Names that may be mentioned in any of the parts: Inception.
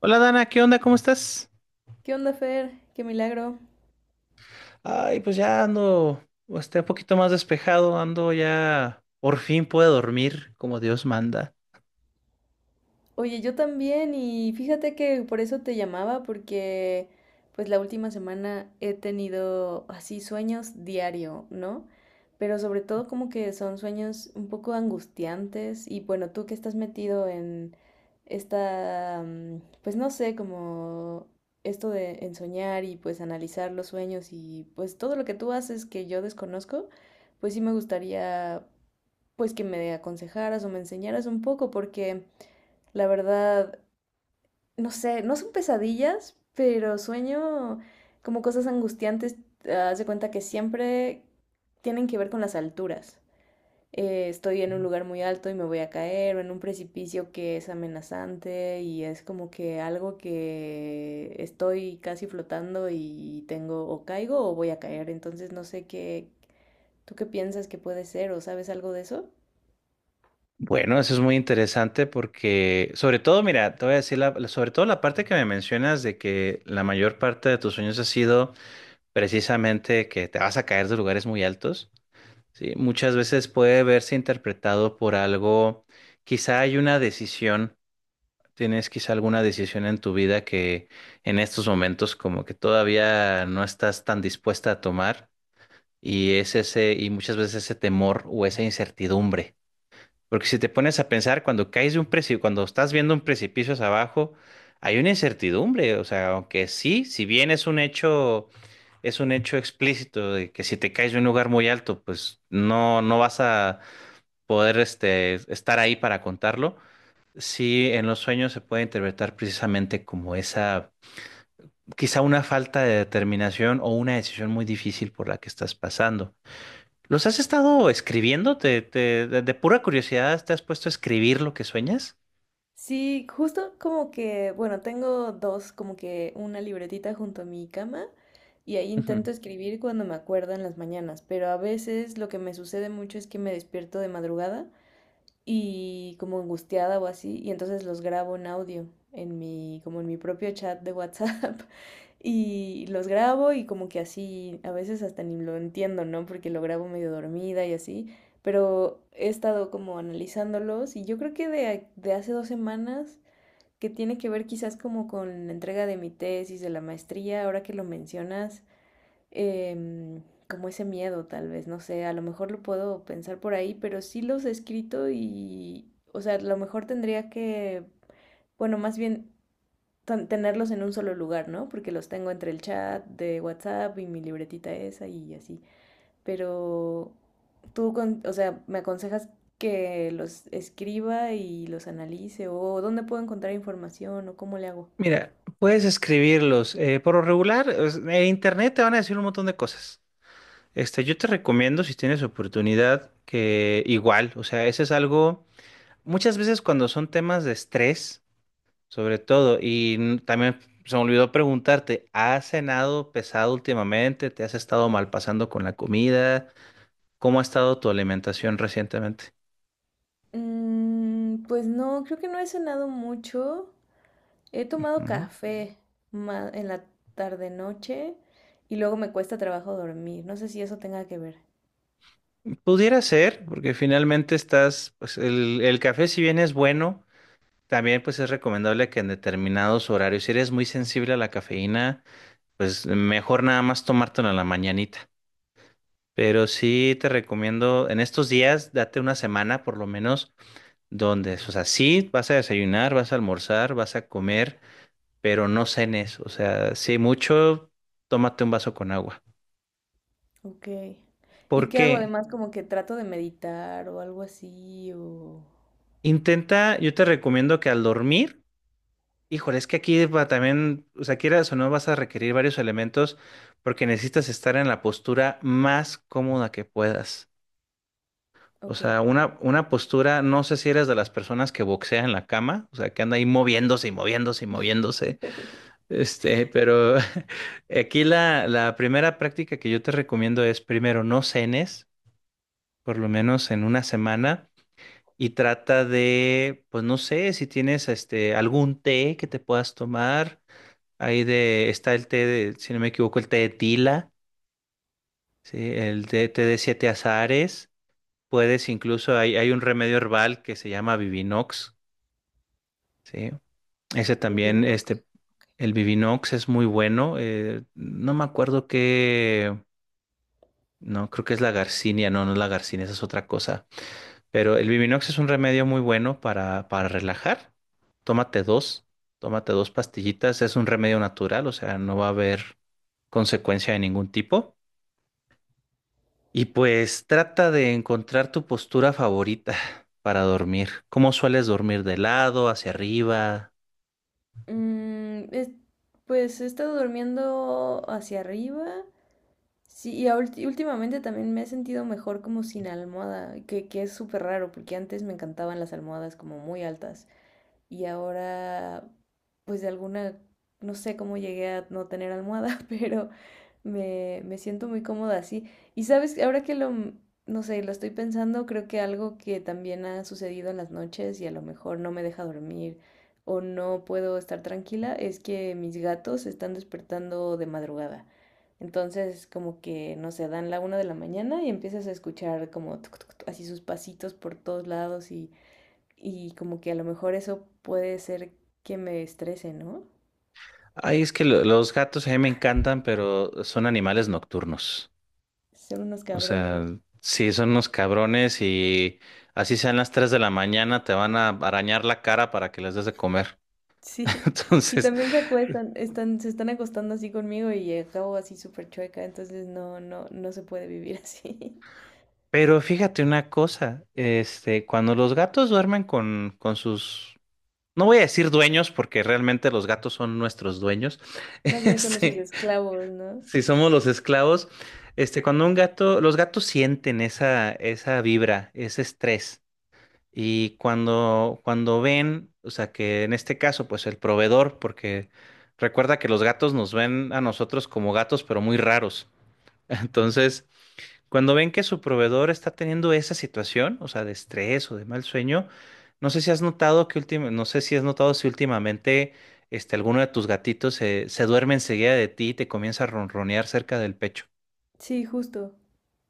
Hola Dana, ¿qué onda? ¿Cómo estás? ¿Qué onda, Fer? Qué milagro. Ay, pues ya ando, un poquito más despejado, ando ya, por fin puedo dormir como Dios manda. Oye, yo también y fíjate que por eso te llamaba porque pues la última semana he tenido así sueños diario, ¿no? Pero sobre todo como que son sueños un poco angustiantes y bueno, tú que estás metido en esta, pues no sé, como esto de en soñar y pues analizar los sueños y pues todo lo que tú haces que yo desconozco, pues sí me gustaría pues que me aconsejaras o me enseñaras un poco, porque la verdad, no sé, no son pesadillas, pero sueño como cosas angustiantes. Ah, haz de cuenta que siempre tienen que ver con las alturas. Estoy en un lugar muy alto y me voy a caer, o en un precipicio que es amenazante y es como que algo que estoy casi flotando y tengo o caigo o voy a caer. Entonces no sé qué, ¿tú qué piensas que puede ser o sabes algo de eso? Bueno, eso es muy interesante porque, sobre todo, mira, te voy a decir, sobre todo la parte que me mencionas de que la mayor parte de tus sueños ha sido precisamente que te vas a caer de lugares muy altos, ¿sí? Muchas veces puede verse interpretado por algo, quizá hay una decisión. ¿Tienes quizá alguna decisión en tu vida que en estos momentos como que todavía no estás tan dispuesta a tomar? Y es ese, y muchas veces ese temor o esa incertidumbre. Porque si te pones a pensar, cuando caes de un precipicio, cuando estás viendo un precipicio hacia abajo, hay una incertidumbre. O sea, aunque sí, si bien es un hecho explícito de que si te caes de un lugar muy alto, pues no, no vas a poder estar ahí para contarlo. Sí, en los sueños se puede interpretar precisamente como esa, quizá una falta de determinación o una decisión muy difícil por la que estás pasando. ¿Los has estado escribiendo? ¿De pura curiosidad te has puesto a escribir lo que sueñas? Sí, justo como que, bueno, tengo dos, como que una libretita junto a mi cama y ahí intento Ujú. escribir cuando me acuerdo en las mañanas, pero a veces lo que me sucede mucho es que me despierto de madrugada y como angustiada o así, y entonces los grabo en audio en mi, como en mi propio chat de WhatsApp y los grabo y como que así, a veces hasta ni lo entiendo, ¿no? Porque lo grabo medio dormida y así, pero he estado como analizándolos y yo creo que de hace dos semanas que tiene que ver quizás como con la entrega de mi tesis, de la maestría, ahora que lo mencionas, em, como ese miedo tal vez, no sé, a lo mejor lo puedo pensar por ahí, pero sí los he escrito y, o sea, a lo mejor tendría que, bueno, más bien tenerlos en un solo lugar, ¿no? Porque los tengo entre el chat de WhatsApp y mi libretita esa y así, pero tú, o sea, me aconsejas que los escriba y los analice o dónde puedo encontrar información o cómo le hago. Mira, puedes escribirlos. Por lo regular, en internet te van a decir un montón de cosas. Yo te recomiendo, si tienes oportunidad, que igual, o sea, ese es algo, muchas veces cuando son temas de estrés. Sobre todo, y también se me olvidó preguntarte, ¿has cenado pesado últimamente? ¿Te has estado mal pasando con la comida? ¿Cómo ha estado tu alimentación recientemente? Mm, pues no, creo que no he cenado mucho. He tomado Ujú. café en la tarde-noche y luego me cuesta trabajo dormir. No sé si eso tenga que ver. Pudiera ser, porque finalmente estás, pues el café si bien es bueno, también pues es recomendable que en determinados horarios, si eres muy sensible a la cafeína, pues mejor nada más tomártelo en la mañanita. Pero sí te recomiendo en estos días, date una semana por lo menos donde, o sea, sí, vas a desayunar, vas a almorzar, vas a comer, pero no cenes, o sea, si mucho, tómate un vaso con agua. Ok. ¿Y ¿Por qué hago qué? además? Como que trato de meditar o algo así o... Intenta, yo te recomiendo que al dormir, híjole, es que aquí va también, o sea, quieras o no, vas a requerir varios elementos porque necesitas estar en la postura más cómoda que puedas. O Ok. sea, una postura, no sé si eres de las personas que boxean en la cama, o sea, que anda ahí moviéndose y moviéndose y moviéndose. Pero aquí la primera práctica que yo te recomiendo es primero no cenes, por lo menos en una semana, y trata de, pues no sé, si tienes algún té que te puedas tomar. Está el té de, si no me equivoco, el té de tila, ¿sí? El té de siete azares. Puedes incluso, hay un remedio herbal que se llama Vivinox, ¿sí? Ese también, Divino. El Vivinox es muy bueno. No me acuerdo qué. No, creo que es la garcinia, no, no es la garcinia, esa es otra cosa. Pero el Biminox es un remedio muy bueno para relajar. Tómate dos, tómate dos pastillitas, es un remedio natural, o sea, no va a haber consecuencia de ningún tipo. Y pues trata de encontrar tu postura favorita para dormir. ¿Cómo sueles dormir de lado, hacia arriba? Mm, pues he estado durmiendo hacia arriba. Sí, y últimamente también me he sentido mejor como sin almohada, que es súper raro, porque antes me encantaban las almohadas como muy altas y ahora, pues de alguna, no sé cómo llegué a no tener almohada, pero me siento muy cómoda así. Y sabes, ahora que lo, no sé, lo estoy pensando, creo que algo que también ha sucedido en las noches y a lo mejor no me deja dormir o no puedo estar tranquila es que mis gatos se están despertando de madrugada. Entonces, como que, no sé, dan la una de la mañana y empiezas a escuchar como tuc, tuc, tuc, así sus pasitos por todos lados y como que a lo mejor eso puede ser que me estrese, ¿no? Ay, es que los gatos a mí me encantan, pero son animales nocturnos. Son unos O sea, cabrones. sí, son unos cabrones y así sean las 3 de la mañana, te van a arañar la cara para que les des de comer. Sí. Y Entonces, también se acuestan, están, se están acostando así conmigo y acabo así súper chueca, entonces no, no, no se puede vivir así. pero fíjate una cosa, cuando los gatos duermen con sus, no voy a decir dueños, porque realmente los gatos son nuestros dueños, Más bien con sus este, esclavos, ¿no? si somos los esclavos, cuando un gato, los gatos sienten esa vibra, ese estrés. Y cuando ven, o sea, que en este caso, pues el proveedor, porque recuerda que los gatos nos ven a nosotros como gatos, pero muy raros. Entonces, cuando ven que su proveedor está teniendo esa situación, o sea, de estrés o de mal sueño, no sé si has notado si últimamente alguno de tus gatitos se duerme enseguida de ti y te comienza a ronronear cerca del pecho. Sí, justo.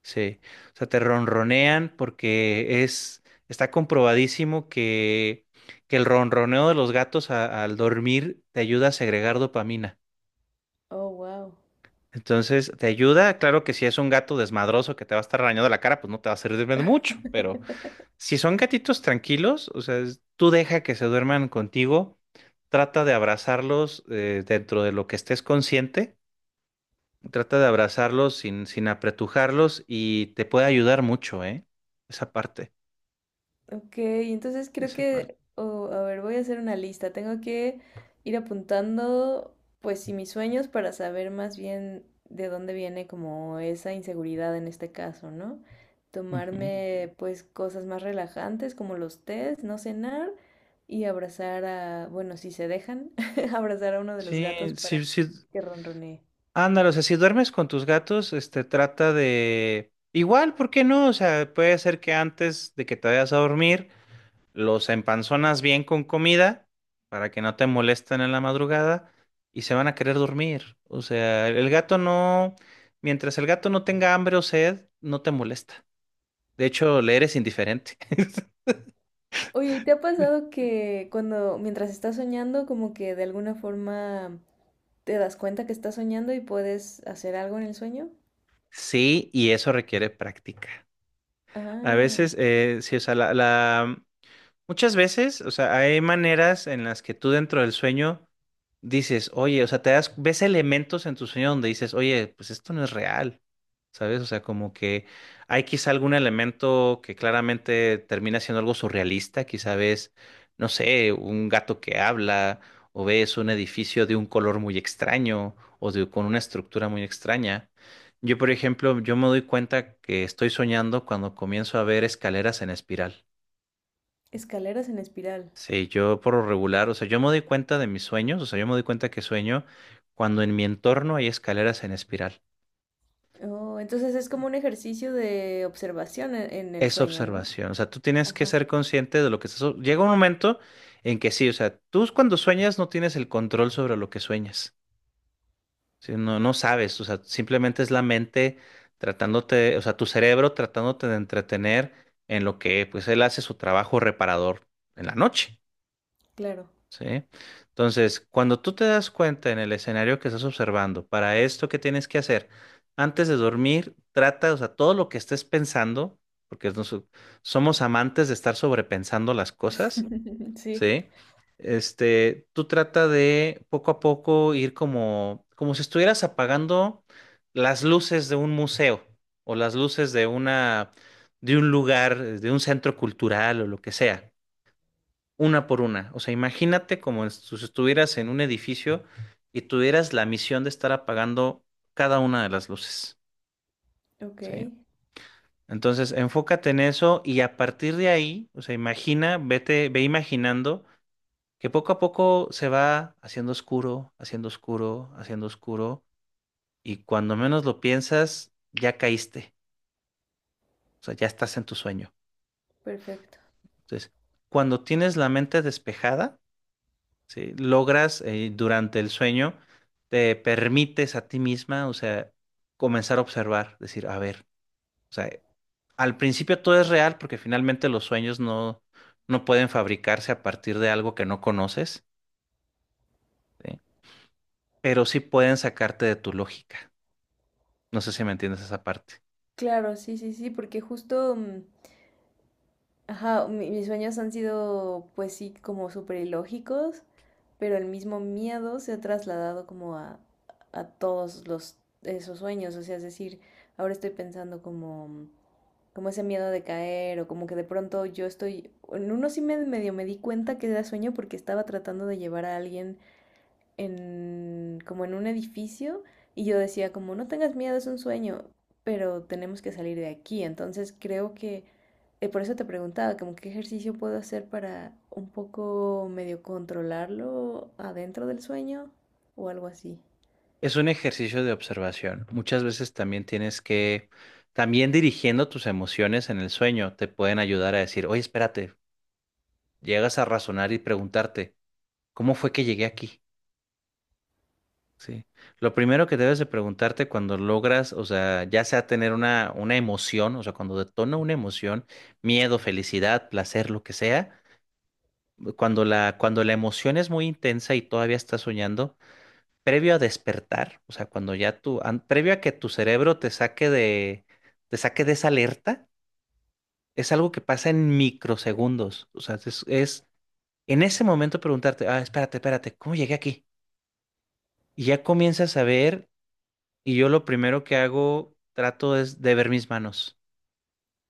Sí, o sea, te ronronean porque es, está comprobadísimo que el ronroneo de los gatos al dormir te ayuda a segregar dopamina. Oh, wow. Entonces, te ayuda, claro que si es un gato desmadroso que te va a estar arañando la cara, pues no te va a servir de mucho, pero si son gatitos tranquilos, o sea, tú deja que se duerman contigo, trata de abrazarlos dentro de lo que estés consciente, trata de abrazarlos sin apretujarlos y te puede ayudar mucho, ¿eh? Esa parte. Ok, entonces creo Esa parte. que, oh, a ver, voy a hacer una lista. Tengo que ir apuntando, pues sí, mis sueños para saber más bien de dónde viene como esa inseguridad en este caso, ¿no? Ujú. Tomarme pues cosas más relajantes como los tés, no cenar y abrazar a, bueno, si se dejan, abrazar a uno de los Sí, gatos sí, para sí. que ronronee. Ándale, o sea, si duermes con tus gatos, trata de... Igual, ¿por qué no? O sea, puede ser que antes de que te vayas a dormir, los empanzonas bien con comida para que no te molesten en la madrugada y se van a querer dormir. O sea, el gato no... Mientras el gato no tenga hambre o sed, no te molesta. De hecho, le eres indiferente. Oye, ¿y te ha pasado que cuando, mientras estás soñando, como que de alguna forma te das cuenta que estás soñando y puedes hacer algo en el sueño? Sí, y eso requiere práctica. A Ah, veces, sí, o sea, muchas veces, o sea, hay maneras en las que tú dentro del sueño dices, oye, o sea, ves elementos en tu sueño donde dices, oye, pues esto no es real, ¿sabes? O sea, como que hay quizá algún elemento que claramente termina siendo algo surrealista, quizá ves, no sé, un gato que habla, o ves un edificio de un color muy extraño, o con una estructura muy extraña. Yo, por ejemplo, yo me doy cuenta que estoy soñando cuando comienzo a ver escaleras en espiral. escaleras en espiral. Sí, yo por lo regular, o sea, yo me doy cuenta de mis sueños, o sea, yo me doy cuenta que sueño cuando en mi entorno hay escaleras en espiral. Oh, entonces es como un ejercicio de observación en el Es sueño, ¿no? observación, o sea, tú tienes que Ajá, ser consciente de lo que estás... Llega un momento en que sí, o sea, tú cuando sueñas no tienes el control sobre lo que sueñas, ¿sí? No, no sabes, o sea, simplemente es la mente tratándote, o sea, tu cerebro tratándote de entretener en lo que, pues, él hace su trabajo reparador en la noche. claro. ¿Sí? Entonces, cuando tú te das cuenta en el escenario que estás observando, para esto que tienes que hacer, antes de dormir, trata, o sea, todo lo que estés pensando, porque somos amantes de estar sobrepensando las cosas, Sí, ¿sí? Tú trata de poco a poco ir como si estuvieras apagando las luces de un museo o las luces de de un lugar, de un centro cultural o lo que sea una por una. O sea, imagínate como si estuvieras en un edificio y tuvieras la misión de estar apagando cada una de las luces, ok, ¿sí? Entonces, enfócate en eso y a partir de ahí, o sea, ve imaginando que poco a poco se va haciendo oscuro, haciendo oscuro, haciendo oscuro y cuando menos lo piensas, ya caíste, o sea, ya estás en tu sueño. perfecto. Entonces, cuando tienes la mente despejada, ¿sí? Logras durante el sueño, te permites a ti misma, o sea, comenzar a observar, decir, a ver, o sea, al principio todo es real porque finalmente los sueños no, no pueden fabricarse a partir de algo que no conoces, ¿sí? Pero sí pueden sacarte de tu lógica. No sé si me entiendes esa parte. Claro, sí, sí, sí, porque justo mm, ajá, mis sueños han sido, pues sí, como súper ilógicos, pero el mismo miedo se ha trasladado como a todos los, esos sueños. O sea, es decir, ahora estoy pensando como, como ese miedo de caer o como que de pronto yo estoy, en uno sí me medio me di cuenta que era sueño porque estaba tratando de llevar a alguien en, como en un edificio y yo decía como, no tengas miedo, es un sueño, pero tenemos que salir de aquí. Entonces creo que por eso te preguntaba, como qué ejercicio puedo hacer para un poco medio controlarlo adentro del sueño o algo así. Es un ejercicio de observación. Muchas veces también tienes que, también dirigiendo tus emociones en el sueño, te pueden ayudar a decir, oye, espérate, llegas a razonar y preguntarte. ¿Cómo fue que llegué aquí? Sí. Lo primero que debes de preguntarte cuando logras, o sea, ya sea tener una emoción, o sea, cuando detona una emoción, miedo, felicidad, placer, lo que sea, cuando la emoción es muy intensa y todavía estás soñando, previo a despertar, o sea, cuando previo a que tu cerebro te saque de esa alerta, es algo que pasa en microsegundos. O sea, es en ese momento preguntarte, ah, espérate, espérate, ¿cómo llegué aquí? Y ya comienzas a ver. Y yo lo primero que hago, trato es de ver mis manos.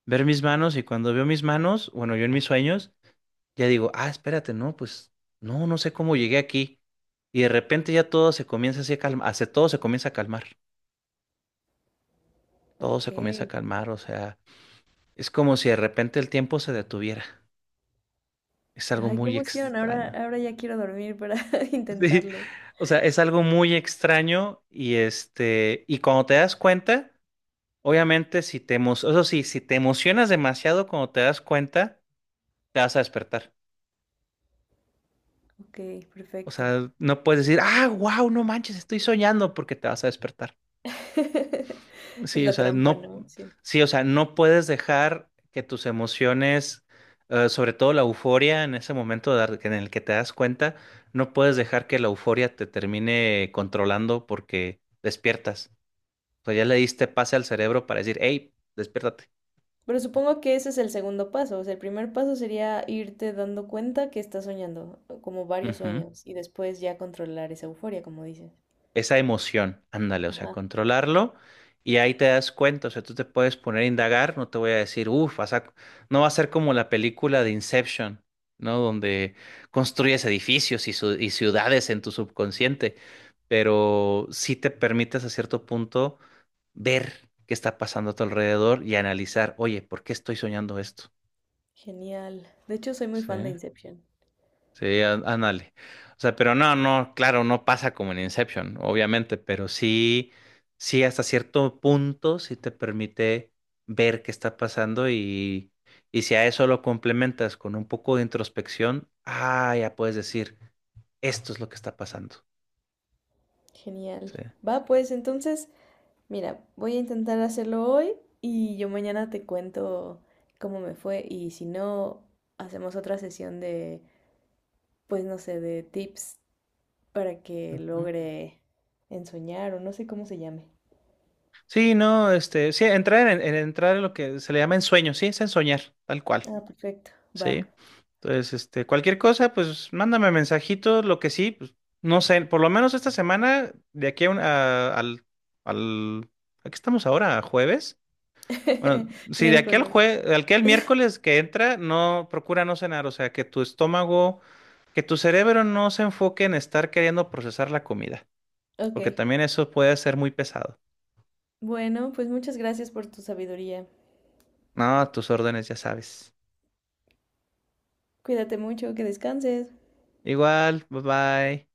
Ver mis manos y cuando veo mis manos, bueno, yo en mis sueños, ya digo, ah, espérate, no, pues no, no sé cómo llegué aquí. Y de repente ya todo se comienza así a calmar, todo se comienza a calmar, todo se comienza a Ok. calmar, o sea, es como si de repente el tiempo se detuviera. Es algo Ay, qué muy emoción. Ahora, extraño. ahora ya quiero dormir para Sí, intentarlo. o sea, es algo muy extraño y cuando te das cuenta, obviamente si eso sí, si te emocionas demasiado cuando te das cuenta, te vas a despertar. Ok, O perfecto. sea, no puedes decir, ah, wow, no manches, estoy soñando porque te vas a despertar. Es Sí, o la sea, trampa, no, ¿no? Sí. sí, o sea, no puedes dejar que tus emociones, sobre todo la euforia en ese momento en el que te das cuenta, no puedes dejar que la euforia te termine controlando porque despiertas. O sea, ya le diste pase al cerebro para decir, hey, despiértate. Pero supongo que ese es el segundo paso. O sea, el primer paso sería irte dando cuenta que estás soñando, como varios Ujú. sueños, y después ya controlar esa euforia, como dices. Esa emoción, ándale, o sea, Ajá. controlarlo y ahí te das cuenta, o sea, tú te puedes poner a indagar, no te voy a decir, uff, no va a ser como la película de Inception, ¿no? Donde construyes edificios y ciudades en tu subconsciente, pero sí te permites a cierto punto ver qué está pasando a tu alrededor y analizar, oye, ¿por qué estoy soñando esto? Genial. De hecho, soy muy Sí. fan de Inception. Sí, ándale. O sea, pero no, no, claro, no pasa como en Inception, obviamente, pero sí, sí, hasta cierto punto sí te permite ver qué está pasando y si a eso lo complementas con un poco de introspección, ah, ya puedes decir, esto es lo que está pasando. Genial. Sí. Va, pues entonces, mira, voy a intentar hacerlo hoy y yo mañana te cuento cómo me fue y si no, hacemos otra sesión de, pues no sé, de tips para que Ujú. logre ensoñar o no sé cómo se llame. Sí, no, sí, entrar en lo que se le llama ensueño, sí, es ensoñar, tal cual. Ah, perfecto. Va. Sí. Entonces, cualquier cosa, pues mándame mensajitos, lo que sí, pues, no sé, por lo menos esta semana, de aquí a, un- a- al, al, ¿A qué estamos ahora? ¿A ¿Jueves? Bueno, sí, de aquí al Miércoles. jue, al que el miércoles que entra, no, procura no cenar, o sea, que tu estómago, que tu cerebro no se enfoque en estar queriendo procesar la comida, Ok. porque también eso puede ser muy pesado. Bueno, pues muchas gracias por tu sabiduría. No, tus órdenes ya sabes. Cuídate mucho, que descanses. Igual, bye bye.